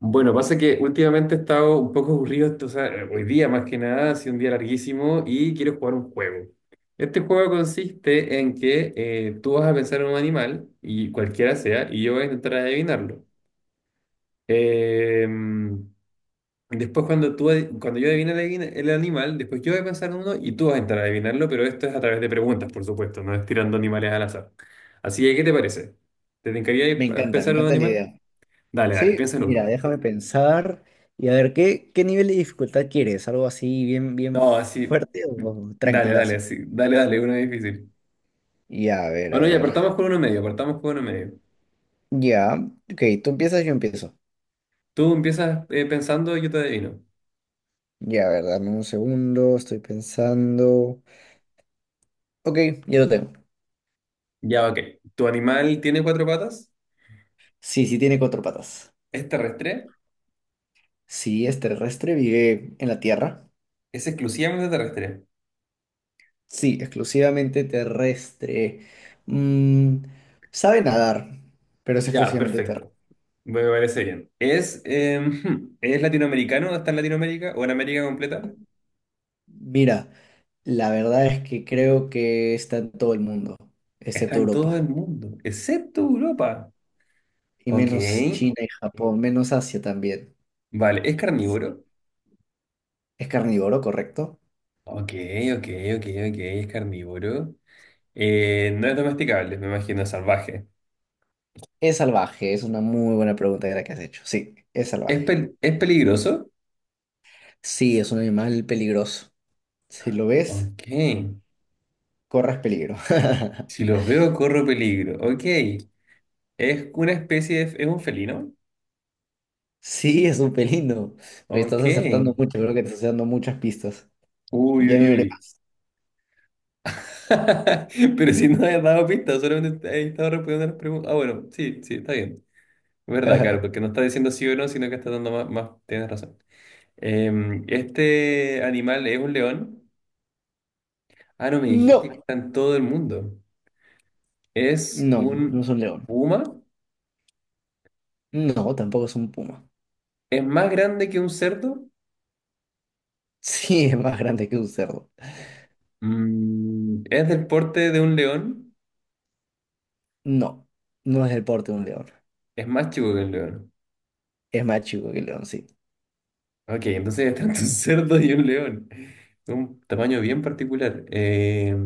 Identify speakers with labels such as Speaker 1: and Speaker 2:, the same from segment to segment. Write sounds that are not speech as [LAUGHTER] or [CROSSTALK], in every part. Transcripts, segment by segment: Speaker 1: Bueno, pasa que últimamente he estado un poco aburrido, o sea, hoy día más que nada, ha sido un día larguísimo y quiero jugar un juego. Este juego consiste en que tú vas a pensar en un animal, y cualquiera sea, y yo voy a intentar adivinarlo. Eh, Después cuando cuando yo adivine el animal, después yo voy a pensar en uno y tú vas a intentar adivinarlo, pero esto es a través de preguntas, por supuesto, no es tirando animales al azar. Así que, ¿qué te parece? ¿Te encantaría
Speaker 2: Me
Speaker 1: pensar en un
Speaker 2: encanta la
Speaker 1: animal?
Speaker 2: idea.
Speaker 1: Dale, dale,
Speaker 2: Sí,
Speaker 1: piensa en
Speaker 2: mira,
Speaker 1: uno.
Speaker 2: déjame pensar y a ver, ¿qué nivel de dificultad quieres? ¿Algo así bien, bien
Speaker 1: No, así.
Speaker 2: fuerte o
Speaker 1: Dale, dale,
Speaker 2: tranquilazo?
Speaker 1: así. Dale, dale, uno difícil.
Speaker 2: Ya, a ver, a
Speaker 1: Bueno, ya,
Speaker 2: ver.
Speaker 1: partamos con uno medio, partamos con uno medio.
Speaker 2: Ya, ok, tú empiezas, yo empiezo.
Speaker 1: Tú empiezas pensando y yo te adivino.
Speaker 2: Ya, a ver, dame un segundo, estoy pensando. Ok, ya lo tengo.
Speaker 1: Ya, ok. ¿Tu animal tiene cuatro patas?
Speaker 2: Sí, sí tiene cuatro patas.
Speaker 1: ¿Es terrestre?
Speaker 2: Sí, es terrestre, vive en la tierra.
Speaker 1: ¿Es exclusivamente terrestre?
Speaker 2: Sí, exclusivamente terrestre. Mm, sabe nadar, pero es
Speaker 1: Ya,
Speaker 2: exclusivamente terrestre.
Speaker 1: perfecto. Me parece bien. ¿Es, [LAUGHS] ¿es latinoamericano? ¿Está en Latinoamérica o en América completa?
Speaker 2: Mira, la verdad es que creo que está en todo el mundo,
Speaker 1: Está
Speaker 2: excepto
Speaker 1: en todo
Speaker 2: Europa,
Speaker 1: el mundo, excepto Europa.
Speaker 2: y
Speaker 1: Ok.
Speaker 2: menos China y Japón, menos Asia también.
Speaker 1: Vale, ¿es
Speaker 2: Sí.
Speaker 1: carnívoro?
Speaker 2: ¿Es carnívoro, correcto?
Speaker 1: Ok, ok, ok, ok, es carnívoro. No es domesticable, me imagino, salvaje.
Speaker 2: Es salvaje, es una muy buena pregunta la que has hecho. Sí, es
Speaker 1: ¿Es,
Speaker 2: salvaje.
Speaker 1: es peligroso?
Speaker 2: Sí, es un animal peligroso. Si lo ves,
Speaker 1: Ok.
Speaker 2: corres peligro.
Speaker 1: Si
Speaker 2: [LAUGHS]
Speaker 1: los veo, corro peligro. Ok. ¿Es una especie de... ¿Es un felino?
Speaker 2: Sí, es un pelino. Oye, estás
Speaker 1: Ok.
Speaker 2: acertando mucho, creo que te estás dando muchas pistas.
Speaker 1: Uy,
Speaker 2: Ya
Speaker 1: uy,
Speaker 2: no iré
Speaker 1: uy. [LAUGHS] Pero si no has dado pistas, solamente he estado respondiendo las preguntas. Ah, bueno, sí, sí, está bien. Es verdad,
Speaker 2: más.
Speaker 1: claro, porque
Speaker 2: [LAUGHS]
Speaker 1: no está diciendo sí o no, sino que está dando más... más... Tienes razón. ¿Este animal es un león? Ah, no, me dijiste que
Speaker 2: No,
Speaker 1: está en todo el mundo. ¿Es
Speaker 2: no, no es
Speaker 1: un
Speaker 2: un león.
Speaker 1: puma?
Speaker 2: No, tampoco es un puma.
Speaker 1: ¿Es más grande que un cerdo?
Speaker 2: Sí, es más grande que un cerdo.
Speaker 1: Mm, ¿es del porte de un león?
Speaker 2: No, no es del porte de un león.
Speaker 1: Es más chico que un león.
Speaker 2: Es más chico que el león, sí.
Speaker 1: Ok, entonces es tanto [LAUGHS] un cerdo y un león. Un tamaño bien particular.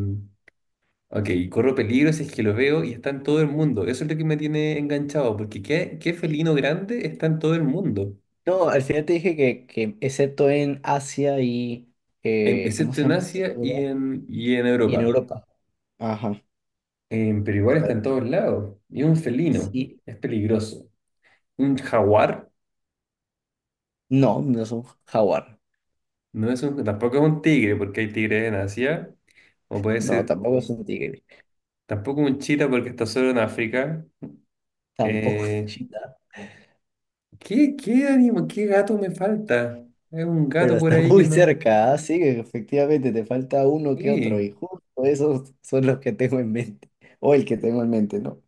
Speaker 1: Ok, corro peligro si es que lo veo y está en todo el mundo. Eso es lo que me tiene enganchado, porque ¿qué felino grande está en todo el mundo?
Speaker 2: No, al final te dije que excepto en Asia y… ¿cómo
Speaker 1: Excepto
Speaker 2: se
Speaker 1: en
Speaker 2: llama este otro
Speaker 1: Asia y
Speaker 2: lugar?
Speaker 1: y en
Speaker 2: Y en
Speaker 1: Europa.
Speaker 2: Europa. Ajá.
Speaker 1: Pero igual está en todos lados. Y es un felino.
Speaker 2: Sí.
Speaker 1: Es peligroso. ¿Un jaguar?
Speaker 2: No, no es un jaguar.
Speaker 1: Tampoco es un tigre, porque hay tigres en Asia, o puede
Speaker 2: No,
Speaker 1: ser
Speaker 2: tampoco es un tigre.
Speaker 1: tampoco un chita porque está solo en África.
Speaker 2: Tampoco es un
Speaker 1: Eh,
Speaker 2: cheetah.
Speaker 1: ¿Qué, qué gato me falta? Es un
Speaker 2: Pero
Speaker 1: gato por
Speaker 2: está
Speaker 1: ahí
Speaker 2: muy
Speaker 1: que no.
Speaker 2: cerca, así que efectivamente te falta uno que otro. Y
Speaker 1: Sí,
Speaker 2: justo esos son los que tengo en mente. O el que tengo en mente, ¿no?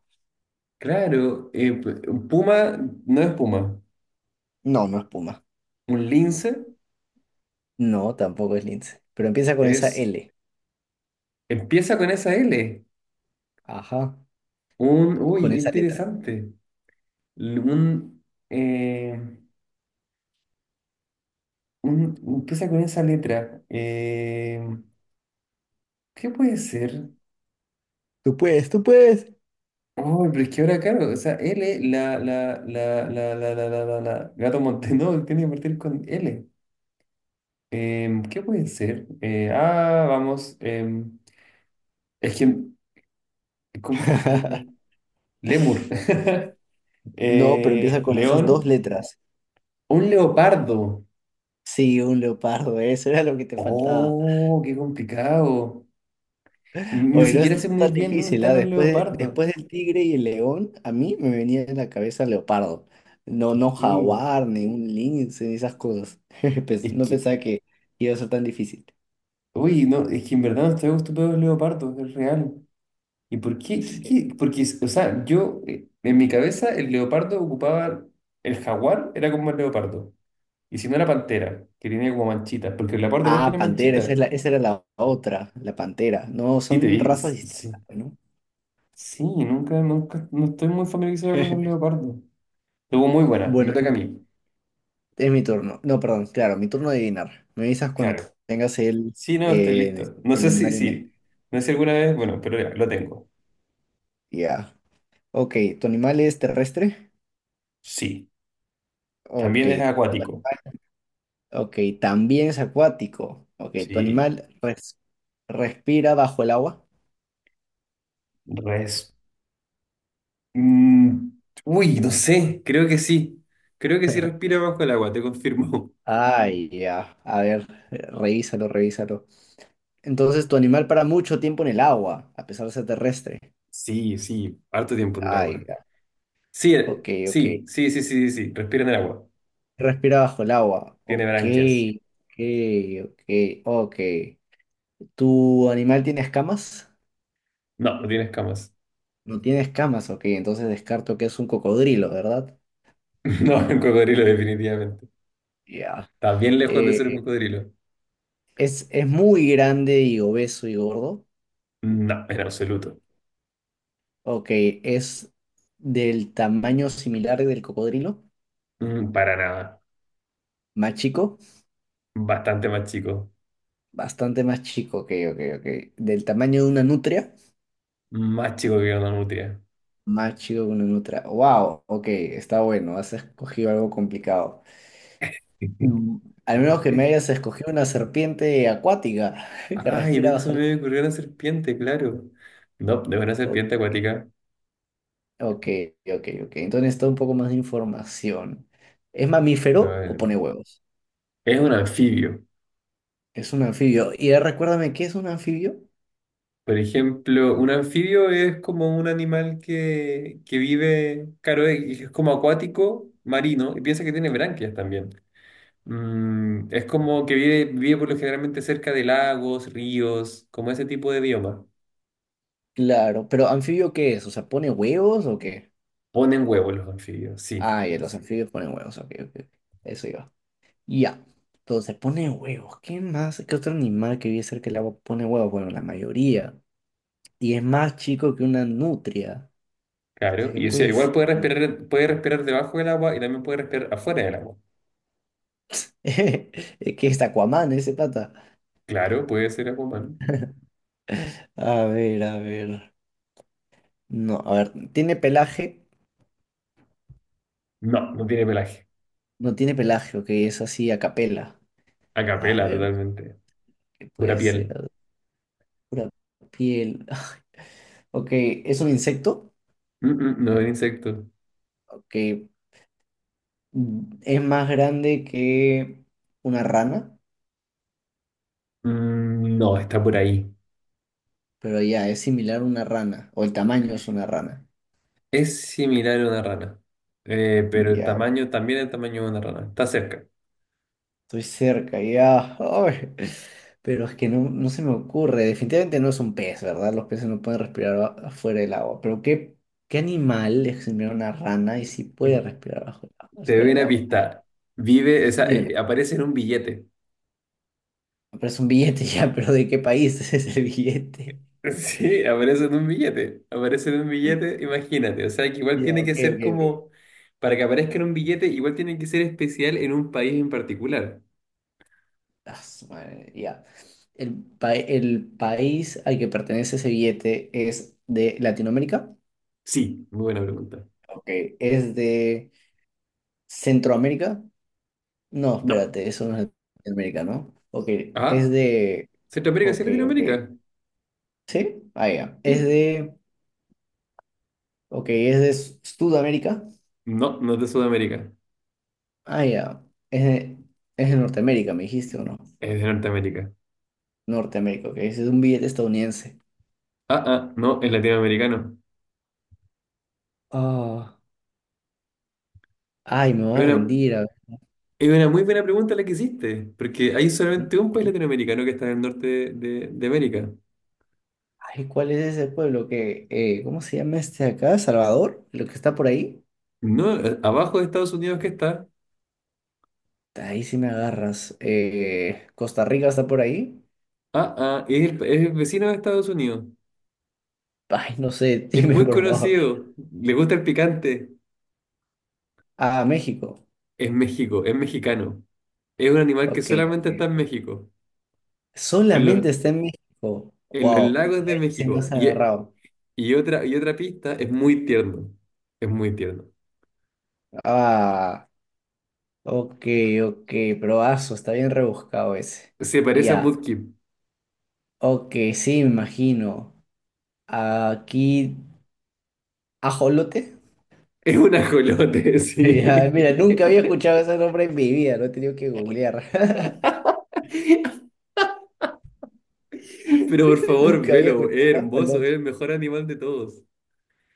Speaker 1: claro, un puma no es puma,
Speaker 2: No, no es puma.
Speaker 1: un lince
Speaker 2: No, tampoco es Lince. Pero empieza con esa
Speaker 1: es,
Speaker 2: L.
Speaker 1: empieza con esa L.
Speaker 2: Ajá,
Speaker 1: Un,
Speaker 2: con
Speaker 1: uy, qué
Speaker 2: esa letra.
Speaker 1: interesante. Un, eh, empieza con esa letra. ¿Qué puede ser?
Speaker 2: Tú puedes, tú puedes.
Speaker 1: Oh, pero es que ahora, claro, o sea, L, la, Gato Montenegro [LAUGHS] tiene que partir con L. ¿Qué puede ser? Vamos, es que, ¿cómo con L?
Speaker 2: [LAUGHS]
Speaker 1: Lemur. [LAUGHS]
Speaker 2: No, pero empieza con esas dos
Speaker 1: León,
Speaker 2: letras.
Speaker 1: un leopardo.
Speaker 2: Sí, un leopardo, eso era lo que te faltaba.
Speaker 1: Oh, qué complicado. Ni
Speaker 2: Oye, no es
Speaker 1: siquiera sé muy
Speaker 2: tan
Speaker 1: bien dónde
Speaker 2: difícil, ¿ah?
Speaker 1: están los
Speaker 2: Después,
Speaker 1: leopardos.
Speaker 2: después del tigre y el león, a mí me venía en la cabeza leopardo. No, no
Speaker 1: Eh,
Speaker 2: jaguar, ni un lince, ni esas cosas. [LAUGHS]
Speaker 1: Es
Speaker 2: No
Speaker 1: que,
Speaker 2: pensaba que iba a ser tan difícil.
Speaker 1: uy, no, es que en verdad no estoy acostumbrado a los leopardos, es real. ¿Y por qué?
Speaker 2: Sí.
Speaker 1: ¿Qué? Porque, o sea, yo, en mi cabeza, el leopardo ocupaba, el jaguar era como el leopardo. Y si no era pantera, que tenía como manchitas, porque el leopardo igual
Speaker 2: Ah,
Speaker 1: tiene
Speaker 2: pantera, esa
Speaker 1: manchitas.
Speaker 2: es la, esa era la otra, la pantera. No,
Speaker 1: Sí,
Speaker 2: son razas
Speaker 1: sí,
Speaker 2: distintas, ¿no?
Speaker 1: sí, nunca, nunca, no estoy muy familiarizado con los leopardos. Estuvo muy buena,
Speaker 2: Bueno,
Speaker 1: me toca a mí.
Speaker 2: es mi turno. No, perdón, claro, mi turno de adivinar. Me avisas cuando
Speaker 1: Claro.
Speaker 2: tengas
Speaker 1: Sí, no, estoy listo. No
Speaker 2: el
Speaker 1: sé si,
Speaker 2: animal en mente.
Speaker 1: sí, no sé si alguna vez, bueno, pero ya, lo tengo.
Speaker 2: Ya. Ok, ¿tu animal es terrestre?
Speaker 1: Sí,
Speaker 2: Ok.
Speaker 1: también es acuático.
Speaker 2: Ok, también es acuático. Ok,
Speaker 1: Sí,
Speaker 2: ¿respira bajo el agua?
Speaker 1: res. Mm, uy, no sé, creo que sí. Creo que sí
Speaker 2: [LAUGHS]
Speaker 1: respira bajo el agua, te confirmo. [LAUGHS]
Speaker 2: Ay, ya. A ver, revísalo, revísalo. Entonces, tu animal para mucho tiempo en el agua, a pesar de ser terrestre.
Speaker 1: Sí, sí, harto tiempo en el
Speaker 2: Ay,
Speaker 1: agua.
Speaker 2: ya.
Speaker 1: Sí,
Speaker 2: Ok, ok.
Speaker 1: sí, sí, sí, sí, sí, sí, respira en el agua.
Speaker 2: Respira bajo el agua.
Speaker 1: Tiene
Speaker 2: Ok,
Speaker 1: branquias.
Speaker 2: ok, ok. ¿Tu animal tiene escamas?
Speaker 1: No, no tiene escamas.
Speaker 2: No tiene escamas, ok. Entonces descarto que es un cocodrilo, ¿verdad?
Speaker 1: [LAUGHS] No, es un cocodrilo definitivamente.
Speaker 2: Ya.
Speaker 1: Está bien lejos de
Speaker 2: Eh,
Speaker 1: ser un cocodrilo.
Speaker 2: es muy grande y obeso y gordo.
Speaker 1: No, en absoluto.
Speaker 2: Ok, es del tamaño similar del cocodrilo.
Speaker 1: Mm, para nada.
Speaker 2: Más chico,
Speaker 1: Bastante más chico.
Speaker 2: bastante más chico, ok, ok. Del tamaño de una nutria,
Speaker 1: Más chico que una nutria.
Speaker 2: más chico que una nutria. Wow, ok, está bueno, has escogido algo complicado. Mm,
Speaker 1: [LAUGHS]
Speaker 2: al menos que me hayas escogido una serpiente acuática [LAUGHS] que
Speaker 1: Ay,
Speaker 2: respira
Speaker 1: se
Speaker 2: bajo el
Speaker 1: me ocurrió una serpiente, claro. No, de una
Speaker 2: agua.
Speaker 1: serpiente acuática.
Speaker 2: Ok, ok. Entonces necesito un poco más de información. ¿Es mamífero o pone huevos?
Speaker 1: Es un anfibio.
Speaker 2: Es un anfibio. Y ahora recuérdame, ¿qué es un anfibio?
Speaker 1: Por ejemplo, un anfibio es como un animal que vive, claro, y es como acuático, marino, y piensa que tiene branquias también. Mm, es como que vive, vive por lo generalmente cerca de lagos, ríos, como ese tipo de bioma.
Speaker 2: Claro, pero ¿anfibio qué es? O sea, ¿pone huevos o qué?
Speaker 1: Ponen huevos los anfibios, sí,
Speaker 2: Ah, ya, los anfibios ponen huevos. Ok, ok. Eso iba. Ya. Entonces, pone huevos. ¿Qué más? ¿Qué otro animal que vive cerca del agua pone huevos? Bueno, la mayoría. Y es más chico que una nutria.
Speaker 1: claro.
Speaker 2: Entonces, ¿qué
Speaker 1: Y o sea,
Speaker 2: puede
Speaker 1: igual
Speaker 2: ser?
Speaker 1: puede respirar debajo del agua y también puede respirar afuera del agua.
Speaker 2: [LAUGHS] Es que es Aquaman ese pata.
Speaker 1: Claro, puede ser acuamano.
Speaker 2: A ver, a ver. No, a ver, ¿tiene pelaje?
Speaker 1: No, no tiene pelaje.
Speaker 2: No tiene pelaje, ok, es así a capela. A
Speaker 1: Acapela
Speaker 2: ver,
Speaker 1: totalmente.
Speaker 2: ¿qué
Speaker 1: Pura
Speaker 2: puede
Speaker 1: piel.
Speaker 2: ser? A ver, pura piel. [LAUGHS] Ok, ¿es un insecto?
Speaker 1: Mm, mm, no es insecto.
Speaker 2: Ok, mm, es más grande que una rana,
Speaker 1: Mm, no, está por ahí.
Speaker 2: pero ya, es similar a una rana, o el tamaño es una rana.
Speaker 1: Es similar a una rana, pero el
Speaker 2: Ya,
Speaker 1: tamaño también es el tamaño de una rana. Está cerca.
Speaker 2: estoy cerca, ya. Ay, pero es que no se me ocurre. Definitivamente no es un pez, ¿verdad? Los peces no pueden respirar afuera del agua. Pero ¿qué animal es similar a una rana y sí puede respirar bajo el agua,
Speaker 1: Te
Speaker 2: fuera
Speaker 1: doy
Speaker 2: del
Speaker 1: una
Speaker 2: agua?
Speaker 1: pista. Vive, o sea,
Speaker 2: Dímelo.
Speaker 1: aparece en un billete.
Speaker 2: Pero es un billete [LAUGHS] ya, pero ¿de qué país es ese billete?
Speaker 1: [LAUGHS] Sí, aparece en un billete. Aparece en un billete, imagínate. O sea, que igual
Speaker 2: Ya,
Speaker 1: tiene
Speaker 2: ok,
Speaker 1: que ser
Speaker 2: ok.
Speaker 1: como, para que aparezca en un billete, igual tiene que ser especial en un país en particular.
Speaker 2: Ah, su madre, ya. El, el país al que pertenece ese billete es de Latinoamérica.
Speaker 1: Sí, muy buena pregunta.
Speaker 2: Ok. ¿Es de Centroamérica? No,
Speaker 1: No.
Speaker 2: espérate, eso no es de América, ¿no? Ok, es
Speaker 1: Ah,
Speaker 2: de…
Speaker 1: Centroamérica, sí,
Speaker 2: Ok, ok.
Speaker 1: Latinoamérica.
Speaker 2: ¿Sí? Ah, ya. Es
Speaker 1: Sí.
Speaker 2: de… Ok, es de Sudamérica.
Speaker 1: No, no es de Sudamérica.
Speaker 2: Ah, ya. Es de… Es de Norteamérica, me dijiste, ¿o no?
Speaker 1: Es de Norteamérica.
Speaker 2: Norteamérica, ok. Ese es un billete estadounidense.
Speaker 1: Ah, ah, no, es latinoamericano.
Speaker 2: Ah, ay, me voy
Speaker 1: Es
Speaker 2: a
Speaker 1: una,
Speaker 2: rendir. A ver.
Speaker 1: es una muy buena pregunta la que hiciste, porque hay solamente un país latinoamericano que está en el norte de América.
Speaker 2: Ay, ¿cuál es ese pueblo que… ¿cómo se llama este de acá? ¿Salvador? ¿Lo que está por ahí?
Speaker 1: No, abajo de Estados Unidos que está.
Speaker 2: Ahí sí me agarras. ¿Costa Rica está por ahí?
Speaker 1: Ah, ah, es el vecino de Estados Unidos.
Speaker 2: Ay, no sé, [LAUGHS]
Speaker 1: Es
Speaker 2: dime
Speaker 1: muy
Speaker 2: por favor.
Speaker 1: conocido, le gusta el picante.
Speaker 2: Ah, México.
Speaker 1: Es México, es mexicano. Es un animal que
Speaker 2: Ok,
Speaker 1: solamente está en
Speaker 2: ok.
Speaker 1: México, en los,
Speaker 2: Solamente está en México.
Speaker 1: en los
Speaker 2: Wow.
Speaker 1: lagos
Speaker 2: Y
Speaker 1: de
Speaker 2: ahí se me
Speaker 1: México.
Speaker 2: has agarrado.
Speaker 1: Y, otra, y otra pista, es muy tierno. Es muy tierno.
Speaker 2: Ah, ok, ok. Probazo, está bien rebuscado ese.
Speaker 1: Se parece a
Speaker 2: Ya.
Speaker 1: Mudkip.
Speaker 2: Ok, sí, me imagino. Aquí, ajolote. [LAUGHS]
Speaker 1: Es un ajolote, [LAUGHS]
Speaker 2: Ya, mira,
Speaker 1: sí.
Speaker 2: nunca había escuchado ese nombre en mi vida, lo he tenido que googlear. [LAUGHS]
Speaker 1: Pero por favor,
Speaker 2: Nunca había
Speaker 1: velo,
Speaker 2: escuchado
Speaker 1: es
Speaker 2: un
Speaker 1: hermoso, es
Speaker 2: ajolote.
Speaker 1: el mejor animal de todos.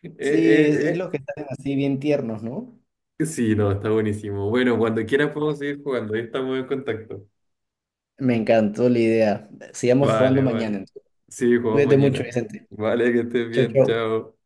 Speaker 1: Eh,
Speaker 2: Sí,
Speaker 1: eh,
Speaker 2: es lo
Speaker 1: eh,
Speaker 2: que están así bien tiernos, ¿no?
Speaker 1: Sí, no, está buenísimo. Bueno, cuando quieras podemos seguir jugando, ahí estamos en contacto.
Speaker 2: Me encantó la idea. Sigamos jugando
Speaker 1: Vale, vale.
Speaker 2: mañana entonces.
Speaker 1: Sí, jugamos
Speaker 2: Cuídate mucho,
Speaker 1: mañana.
Speaker 2: Vicente.
Speaker 1: Vale, que estés
Speaker 2: Chau,
Speaker 1: bien,
Speaker 2: chau.
Speaker 1: chao.